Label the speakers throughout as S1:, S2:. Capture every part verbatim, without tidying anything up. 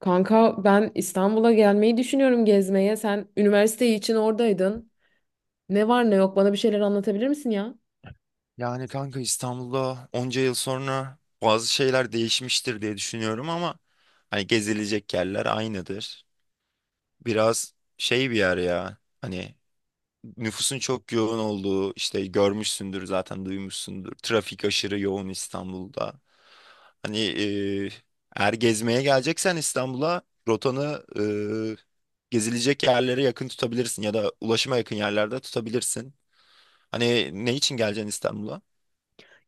S1: Kanka ben İstanbul'a gelmeyi düşünüyorum gezmeye. Sen üniversite için oradaydın. Ne var ne yok bana bir şeyler anlatabilir misin ya?
S2: Yani kanka İstanbul'da onca yıl sonra bazı şeyler değişmiştir diye düşünüyorum ama hani gezilecek yerler aynıdır. Biraz şey bir yer ya. Hani nüfusun çok yoğun olduğu işte görmüşsündür zaten duymuşsundur. Trafik aşırı yoğun İstanbul'da. Hani e, eğer gezmeye geleceksen İstanbul'a rotanı e, gezilecek yerlere yakın tutabilirsin ya da ulaşıma yakın yerlerde tutabilirsin. Hani ne için geleceksin İstanbul'a?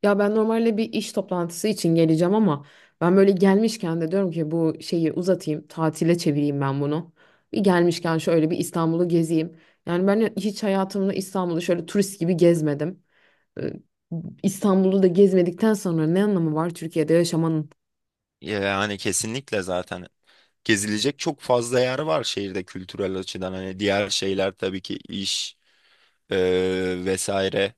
S1: Ya ben normalde bir iş toplantısı için geleceğim ama ben böyle gelmişken de diyorum ki bu şeyi uzatayım, tatile çevireyim ben bunu. Bir gelmişken şöyle bir İstanbul'u gezeyim. Yani ben hiç hayatımda İstanbul'u şöyle turist gibi gezmedim. Ee, İstanbul'u da gezmedikten sonra ne anlamı var Türkiye'de yaşamanın?
S2: Yani kesinlikle zaten gezilecek çok fazla yer var şehirde kültürel açıdan. Hani diğer şeyler tabii ki iş e, vesaire.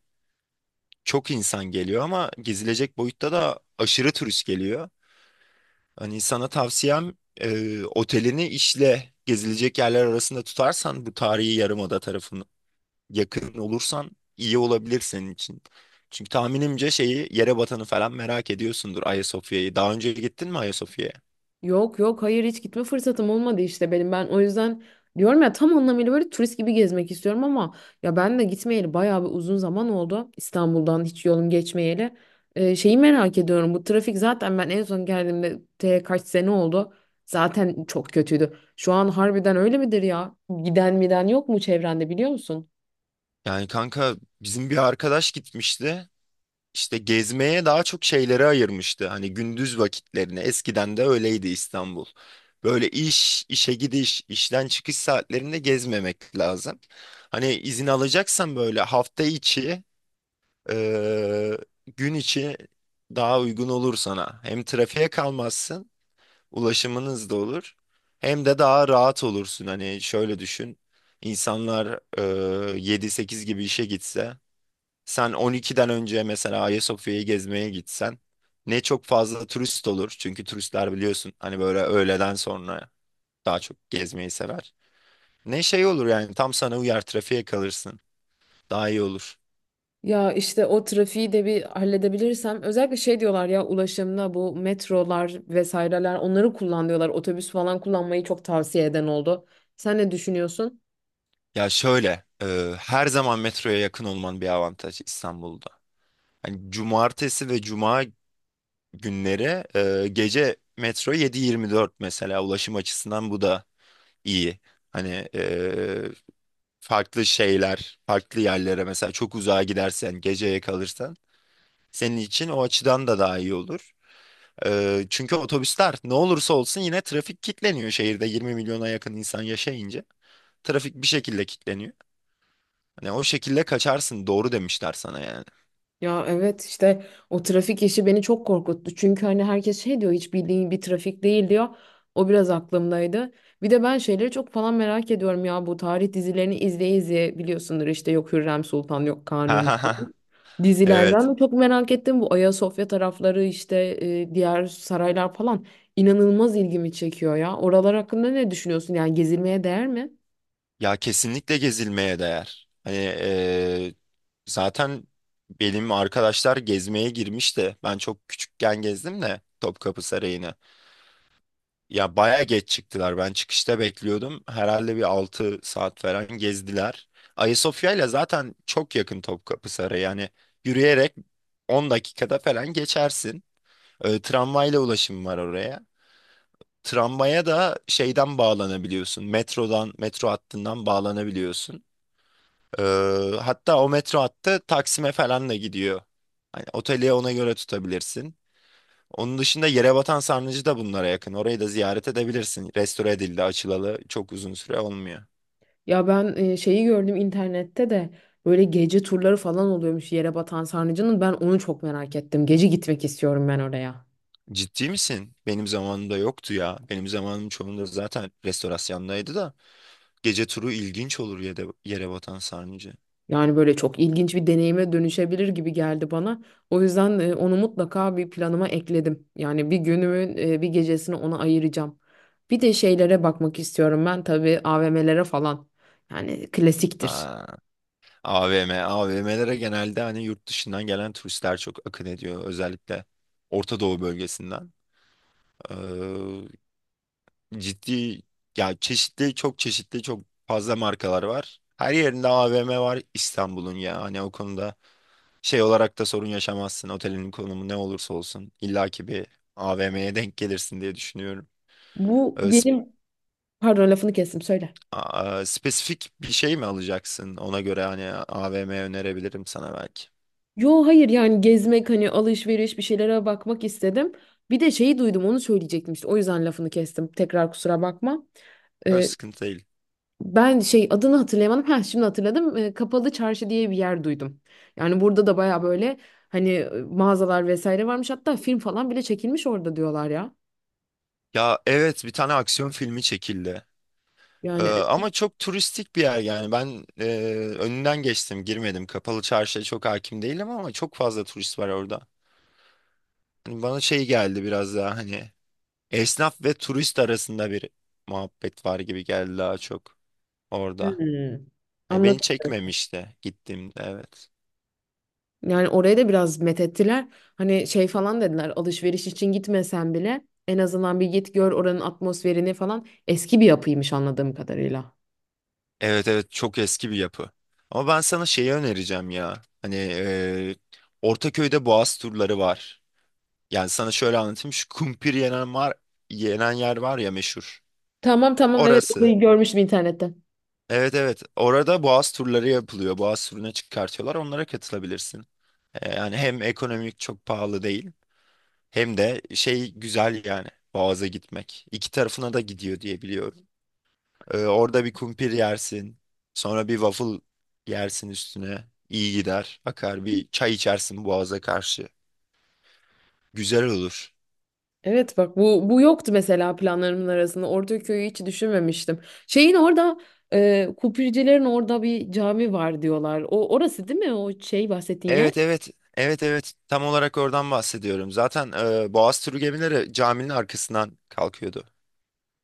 S2: Çok insan geliyor ama gezilecek boyutta da aşırı turist geliyor. Hani sana tavsiyem e, otelini işle gezilecek yerler arasında tutarsan bu tarihi yarımada tarafını yakın olursan iyi olabilir senin için. Çünkü tahminimce şeyi Yerebatan'ı falan merak ediyorsundur Ayasofya'yı. Daha önce gittin mi Ayasofya'ya?
S1: Yok yok hayır hiç gitme fırsatım olmadı işte benim ben o yüzden diyorum ya tam anlamıyla böyle turist gibi gezmek istiyorum ama ya ben de gitmeyeli bayağı bir uzun zaman oldu İstanbul'dan hiç yolum geçmeyeli. Ee, şeyi merak ediyorum bu trafik, zaten ben en son geldiğimde te kaç sene oldu zaten çok kötüydü. Şu an harbiden öyle midir ya? Giden miden yok mu çevrende biliyor musun?
S2: Yani kanka bizim bir arkadaş gitmişti. İşte gezmeye daha çok şeylere ayırmıştı. Hani gündüz vakitlerini. Eskiden de öyleydi İstanbul. Böyle iş, işe gidiş, işten çıkış saatlerinde gezmemek lazım. Hani izin alacaksan böyle hafta içi, eee, gün içi daha uygun olur sana. Hem trafiğe kalmazsın, ulaşımınız da olur. Hem de daha rahat olursun. Hani şöyle düşün. İnsanlar eee yedi sekiz gibi işe gitse sen on ikiden önce mesela Ayasofya'yı gezmeye gitsen ne çok fazla turist olur. Çünkü turistler biliyorsun hani böyle öğleden sonra daha çok gezmeyi sever. Ne şey olur yani tam sana uyar trafiğe kalırsın. Daha iyi olur.
S1: Ya işte o trafiği de bir halledebilirsem, özellikle şey diyorlar ya, ulaşımda bu metrolar vesaireler onları kullan diyorlar. Otobüs falan kullanmayı çok tavsiye eden oldu. Sen ne düşünüyorsun?
S2: Ya şöyle e, her zaman metroya yakın olman bir avantaj İstanbul'da. Hani cumartesi ve cuma günleri e, gece metro yedi yirmi dört mesela ulaşım açısından bu da iyi. Hani e, farklı şeyler, farklı yerlere mesela çok uzağa gidersen, geceye kalırsan senin için o açıdan da daha iyi olur. Ee, çünkü otobüsler ne olursa olsun yine trafik kilitleniyor şehirde yirmi milyona yakın insan yaşayınca. Trafik bir şekilde kilitleniyor. Hani o şekilde kaçarsın doğru demişler sana yani.
S1: Ya evet işte o trafik işi beni çok korkuttu. Çünkü hani herkes şey diyor, hiç bildiğin bir trafik değil diyor. O biraz aklımdaydı. Bir de ben şeyleri çok falan merak ediyorum ya, bu tarih dizilerini izleye izleye biliyorsundur, işte yok Hürrem Sultan yok Kanuni falan.
S2: Evet.
S1: Dizilerden de çok merak ettim bu Ayasofya tarafları, işte e, diğer saraylar falan inanılmaz ilgimi çekiyor ya. Oralar hakkında ne düşünüyorsun? Yani gezilmeye değer mi?
S2: Ya kesinlikle gezilmeye değer. Hani eee, zaten benim arkadaşlar gezmeye girmişti. Ben çok küçükken gezdim de Topkapı Sarayı'nı. Ya baya geç çıktılar. Ben çıkışta bekliyordum. Herhalde bir altı saat falan gezdiler. Ayasofya ile zaten çok yakın Topkapı Sarayı. Yani yürüyerek on dakikada falan geçersin. Ee, tramvayla ulaşım var oraya. Tramvaya da şeyden bağlanabiliyorsun. Metrodan, metro hattından bağlanabiliyorsun. Ee, hatta o metro hattı Taksim'e falan da gidiyor. Hani oteli ona göre tutabilirsin. Onun dışında Yerebatan Sarnıcı da bunlara yakın. Orayı da ziyaret edebilirsin. Restore edildi, açılalı çok uzun süre olmuyor.
S1: Ya ben e, şeyi gördüm internette de, böyle gece turları falan oluyormuş yere batan sarnıcının. Ben onu çok merak ettim. Gece gitmek istiyorum ben oraya.
S2: Ciddi misin? Benim zamanımda yoktu ya. Benim zamanım çoğunda zaten restorasyondaydı da. Gece turu ilginç olur Yere- Yerebatan Sarnıcı.
S1: Yani böyle çok ilginç bir deneyime dönüşebilir gibi geldi bana. O yüzden e, onu mutlaka bir planıma ekledim. Yani bir günümün e, bir gecesini ona ayıracağım. Bir de şeylere bakmak istiyorum ben tabii, A V M'lere falan. Yani klasiktir.
S2: Aa, AVM, A V M'lere genelde hani yurt dışından gelen turistler çok akın ediyor. Özellikle Orta Doğu bölgesinden. Ciddi ya çeşitli çok çeşitli çok fazla markalar var. Her yerinde A V M var İstanbul'un ya. Hani o konuda şey olarak da sorun yaşamazsın. Otelin konumu ne olursa olsun illaki bir A V M'ye denk gelirsin diye düşünüyorum.
S1: Bu
S2: Ee, sp-
S1: benim, pardon lafını kestim, söyle.
S2: a- a- spesifik bir şey mi alacaksın? Ona göre hani A V M önerebilirim sana belki.
S1: Yo hayır yani gezmek hani, alışveriş bir şeylere bakmak istedim. Bir de şeyi duydum onu söyleyecektim, işte o yüzden lafını kestim. Tekrar kusura bakma.
S2: Öyle
S1: Ee,
S2: sıkıntı değil.
S1: Ben şey adını hatırlayamadım. Ha şimdi hatırladım. Ee, Kapalı Çarşı diye bir yer duydum. Yani burada da baya böyle hani e, mağazalar vesaire varmış. Hatta film falan bile çekilmiş orada diyorlar ya.
S2: Ya evet bir tane aksiyon filmi çekildi. Ee,
S1: Yani.
S2: ama çok turistik bir yer yani ben e, önünden geçtim girmedim kapalı çarşıya çok hakim değilim ama çok fazla turist var orada. Hani bana şey geldi biraz daha hani esnaf ve turist arasında bir muhabbet var gibi geldi daha çok orada.
S1: Hmm.
S2: Hani beni
S1: Anladım.
S2: çekmemişti gittiğimde evet.
S1: Yani oraya da biraz methettiler. Hani şey falan dediler, alışveriş için gitmesen bile en azından bir git gör oranın atmosferini falan. Eski bir yapıymış anladığım kadarıyla.
S2: Evet, evet, çok eski bir yapı. Ama ben sana şeyi önereceğim ya hani e, Ortaköy'de boğaz turları var. Yani sana şöyle anlatayım şu kumpir yenen var yenen yer var ya meşhur.
S1: Tamam tamam evet,
S2: Orası.
S1: orayı görmüştüm internette.
S2: Evet, evet. Orada boğaz turları yapılıyor. Boğaz turuna çıkartıyorlar. Onlara katılabilirsin. Ee, yani hem ekonomik çok pahalı değil. Hem de şey güzel yani. Boğaz'a gitmek. İki tarafına da gidiyor diye biliyorum. Ee, orada bir kumpir yersin. Sonra bir waffle yersin üstüne. İyi gider. Akar bir çay içersin boğaza karşı. Güzel olur.
S1: Evet bak, bu bu yoktu mesela planlarımın arasında. Ortaköy'ü hiç düşünmemiştim. Şeyin orada, e, Kupricilerin orada bir cami var diyorlar. O orası değil mi, o şey bahsettiğin yer?
S2: Evet, evet. Evet, evet. Tam olarak oradan bahsediyorum. Zaten e, Boğaz turu gemileri caminin arkasından kalkıyordu.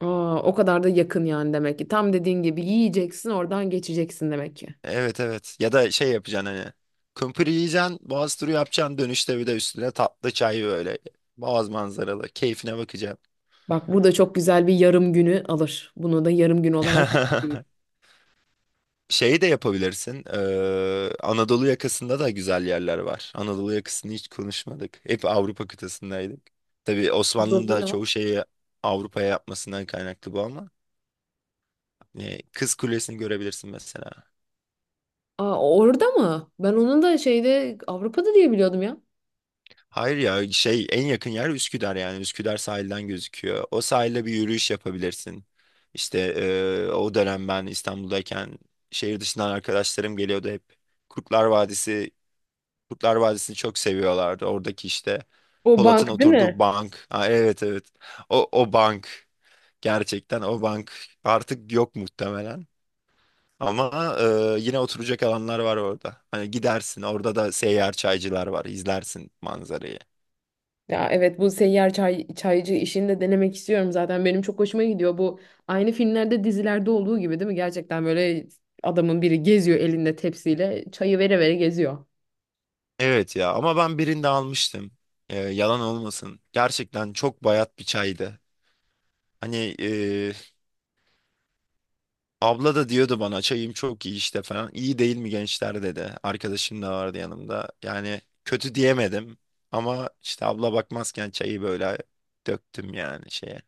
S1: Aa, o kadar da yakın yani demek ki. Tam dediğin gibi yiyeceksin oradan geçeceksin demek ki.
S2: Evet, evet. Ya da şey yapacaksın hani. Kumpir yiyeceksin, boğaz turu yapacaksın. Dönüşte bir de üstüne tatlı çay böyle. Boğaz manzaralı. Keyfine bakacaksın.
S1: Bak burada çok güzel bir yarım günü alır. Bunu da yarım gün olarak.
S2: Şeyi de yapabilirsin. Ee, Anadolu yakasında da güzel yerler var. Anadolu yakasını hiç konuşmadık. Hep Avrupa kıtasındaydık. Tabii Osmanlı'nın
S1: Burada
S2: da
S1: ne var?
S2: çoğu şeyi Avrupa'ya yapmasından kaynaklı bu ama. e, Kız Kulesi'ni görebilirsin mesela.
S1: Aa, orada mı? Ben onun da şeyde, Avrupa'da diye biliyordum ya.
S2: Hayır ya şey en yakın yer Üsküdar yani Üsküdar sahilden gözüküyor. O sahilde bir yürüyüş yapabilirsin. İşte eee, o dönem ben İstanbul'dayken şehir dışından arkadaşlarım geliyordu hep. Kurtlar Vadisi, Kurtlar Vadisi'ni çok seviyorlardı. Oradaki işte
S1: O
S2: Polat'ın
S1: bank değil
S2: oturduğu
S1: mi?
S2: bank. Ha, evet, evet. O, o bank gerçekten o bank artık yok muhtemelen. Ama eee, yine oturacak alanlar var orada. Hani gidersin orada da seyyar çaycılar var izlersin manzarayı.
S1: Ya evet, bu seyyar çay, çaycı işini de denemek istiyorum zaten. Benim çok hoşuma gidiyor bu. Aynı filmlerde dizilerde olduğu gibi değil mi? Gerçekten böyle adamın biri geziyor elinde tepsiyle, çayı vere vere geziyor.
S2: Evet ya ama ben birinde almıştım. Ee, yalan olmasın. Gerçekten çok bayat bir çaydı. Hani e, abla da diyordu bana çayım çok iyi işte falan. İyi değil mi gençler dedi. Arkadaşım da vardı yanımda. Yani kötü diyemedim. Ama işte abla bakmazken çayı böyle döktüm yani şeye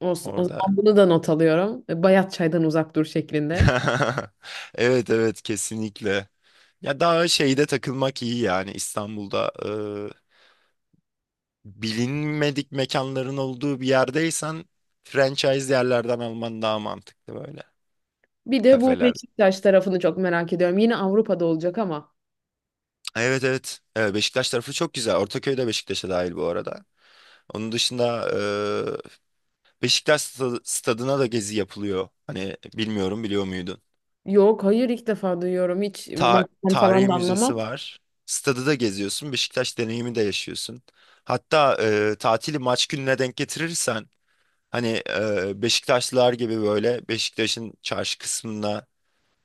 S1: Olsun. O zaman
S2: orada.
S1: bunu da not alıyorum. E, bayat çaydan uzak dur şeklinde.
S2: Evet, evet, kesinlikle. Ya daha şeyde takılmak iyi yani İstanbul'da bilinmedik mekanların olduğu bir yerdeysen franchise yerlerden alman daha mantıklı böyle
S1: Bir de bu
S2: kafeler.
S1: Beşiktaş tarafını çok merak ediyorum. Yine Avrupa'da olacak ama.
S2: Evet, evet. Evet, Beşiktaş tarafı çok güzel. Ortaköy de Beşiktaş'a dahil bu arada. Onun dışında e, Beşiktaş sta- stadına da gezi yapılıyor. Hani bilmiyorum biliyor muydun?
S1: Yok hayır ilk defa duyuyorum. Hiç
S2: Ta
S1: maçtan falan
S2: tarihi
S1: da
S2: müzesi
S1: anlamam.
S2: var. Stadı da geziyorsun. Beşiktaş deneyimi de yaşıyorsun. Hatta e, tatili maç gününe denk getirirsen hani e, Beşiktaşlılar gibi böyle Beşiktaş'ın çarşı kısmına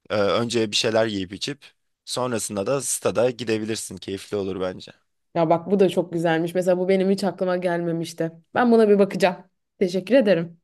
S2: Ee, önce bir şeyler yiyip içip sonrasında da stada gidebilirsin. Keyifli olur bence.
S1: Ya bak, bu da çok güzelmiş. Mesela bu benim hiç aklıma gelmemişti. Ben buna bir bakacağım. Teşekkür ederim.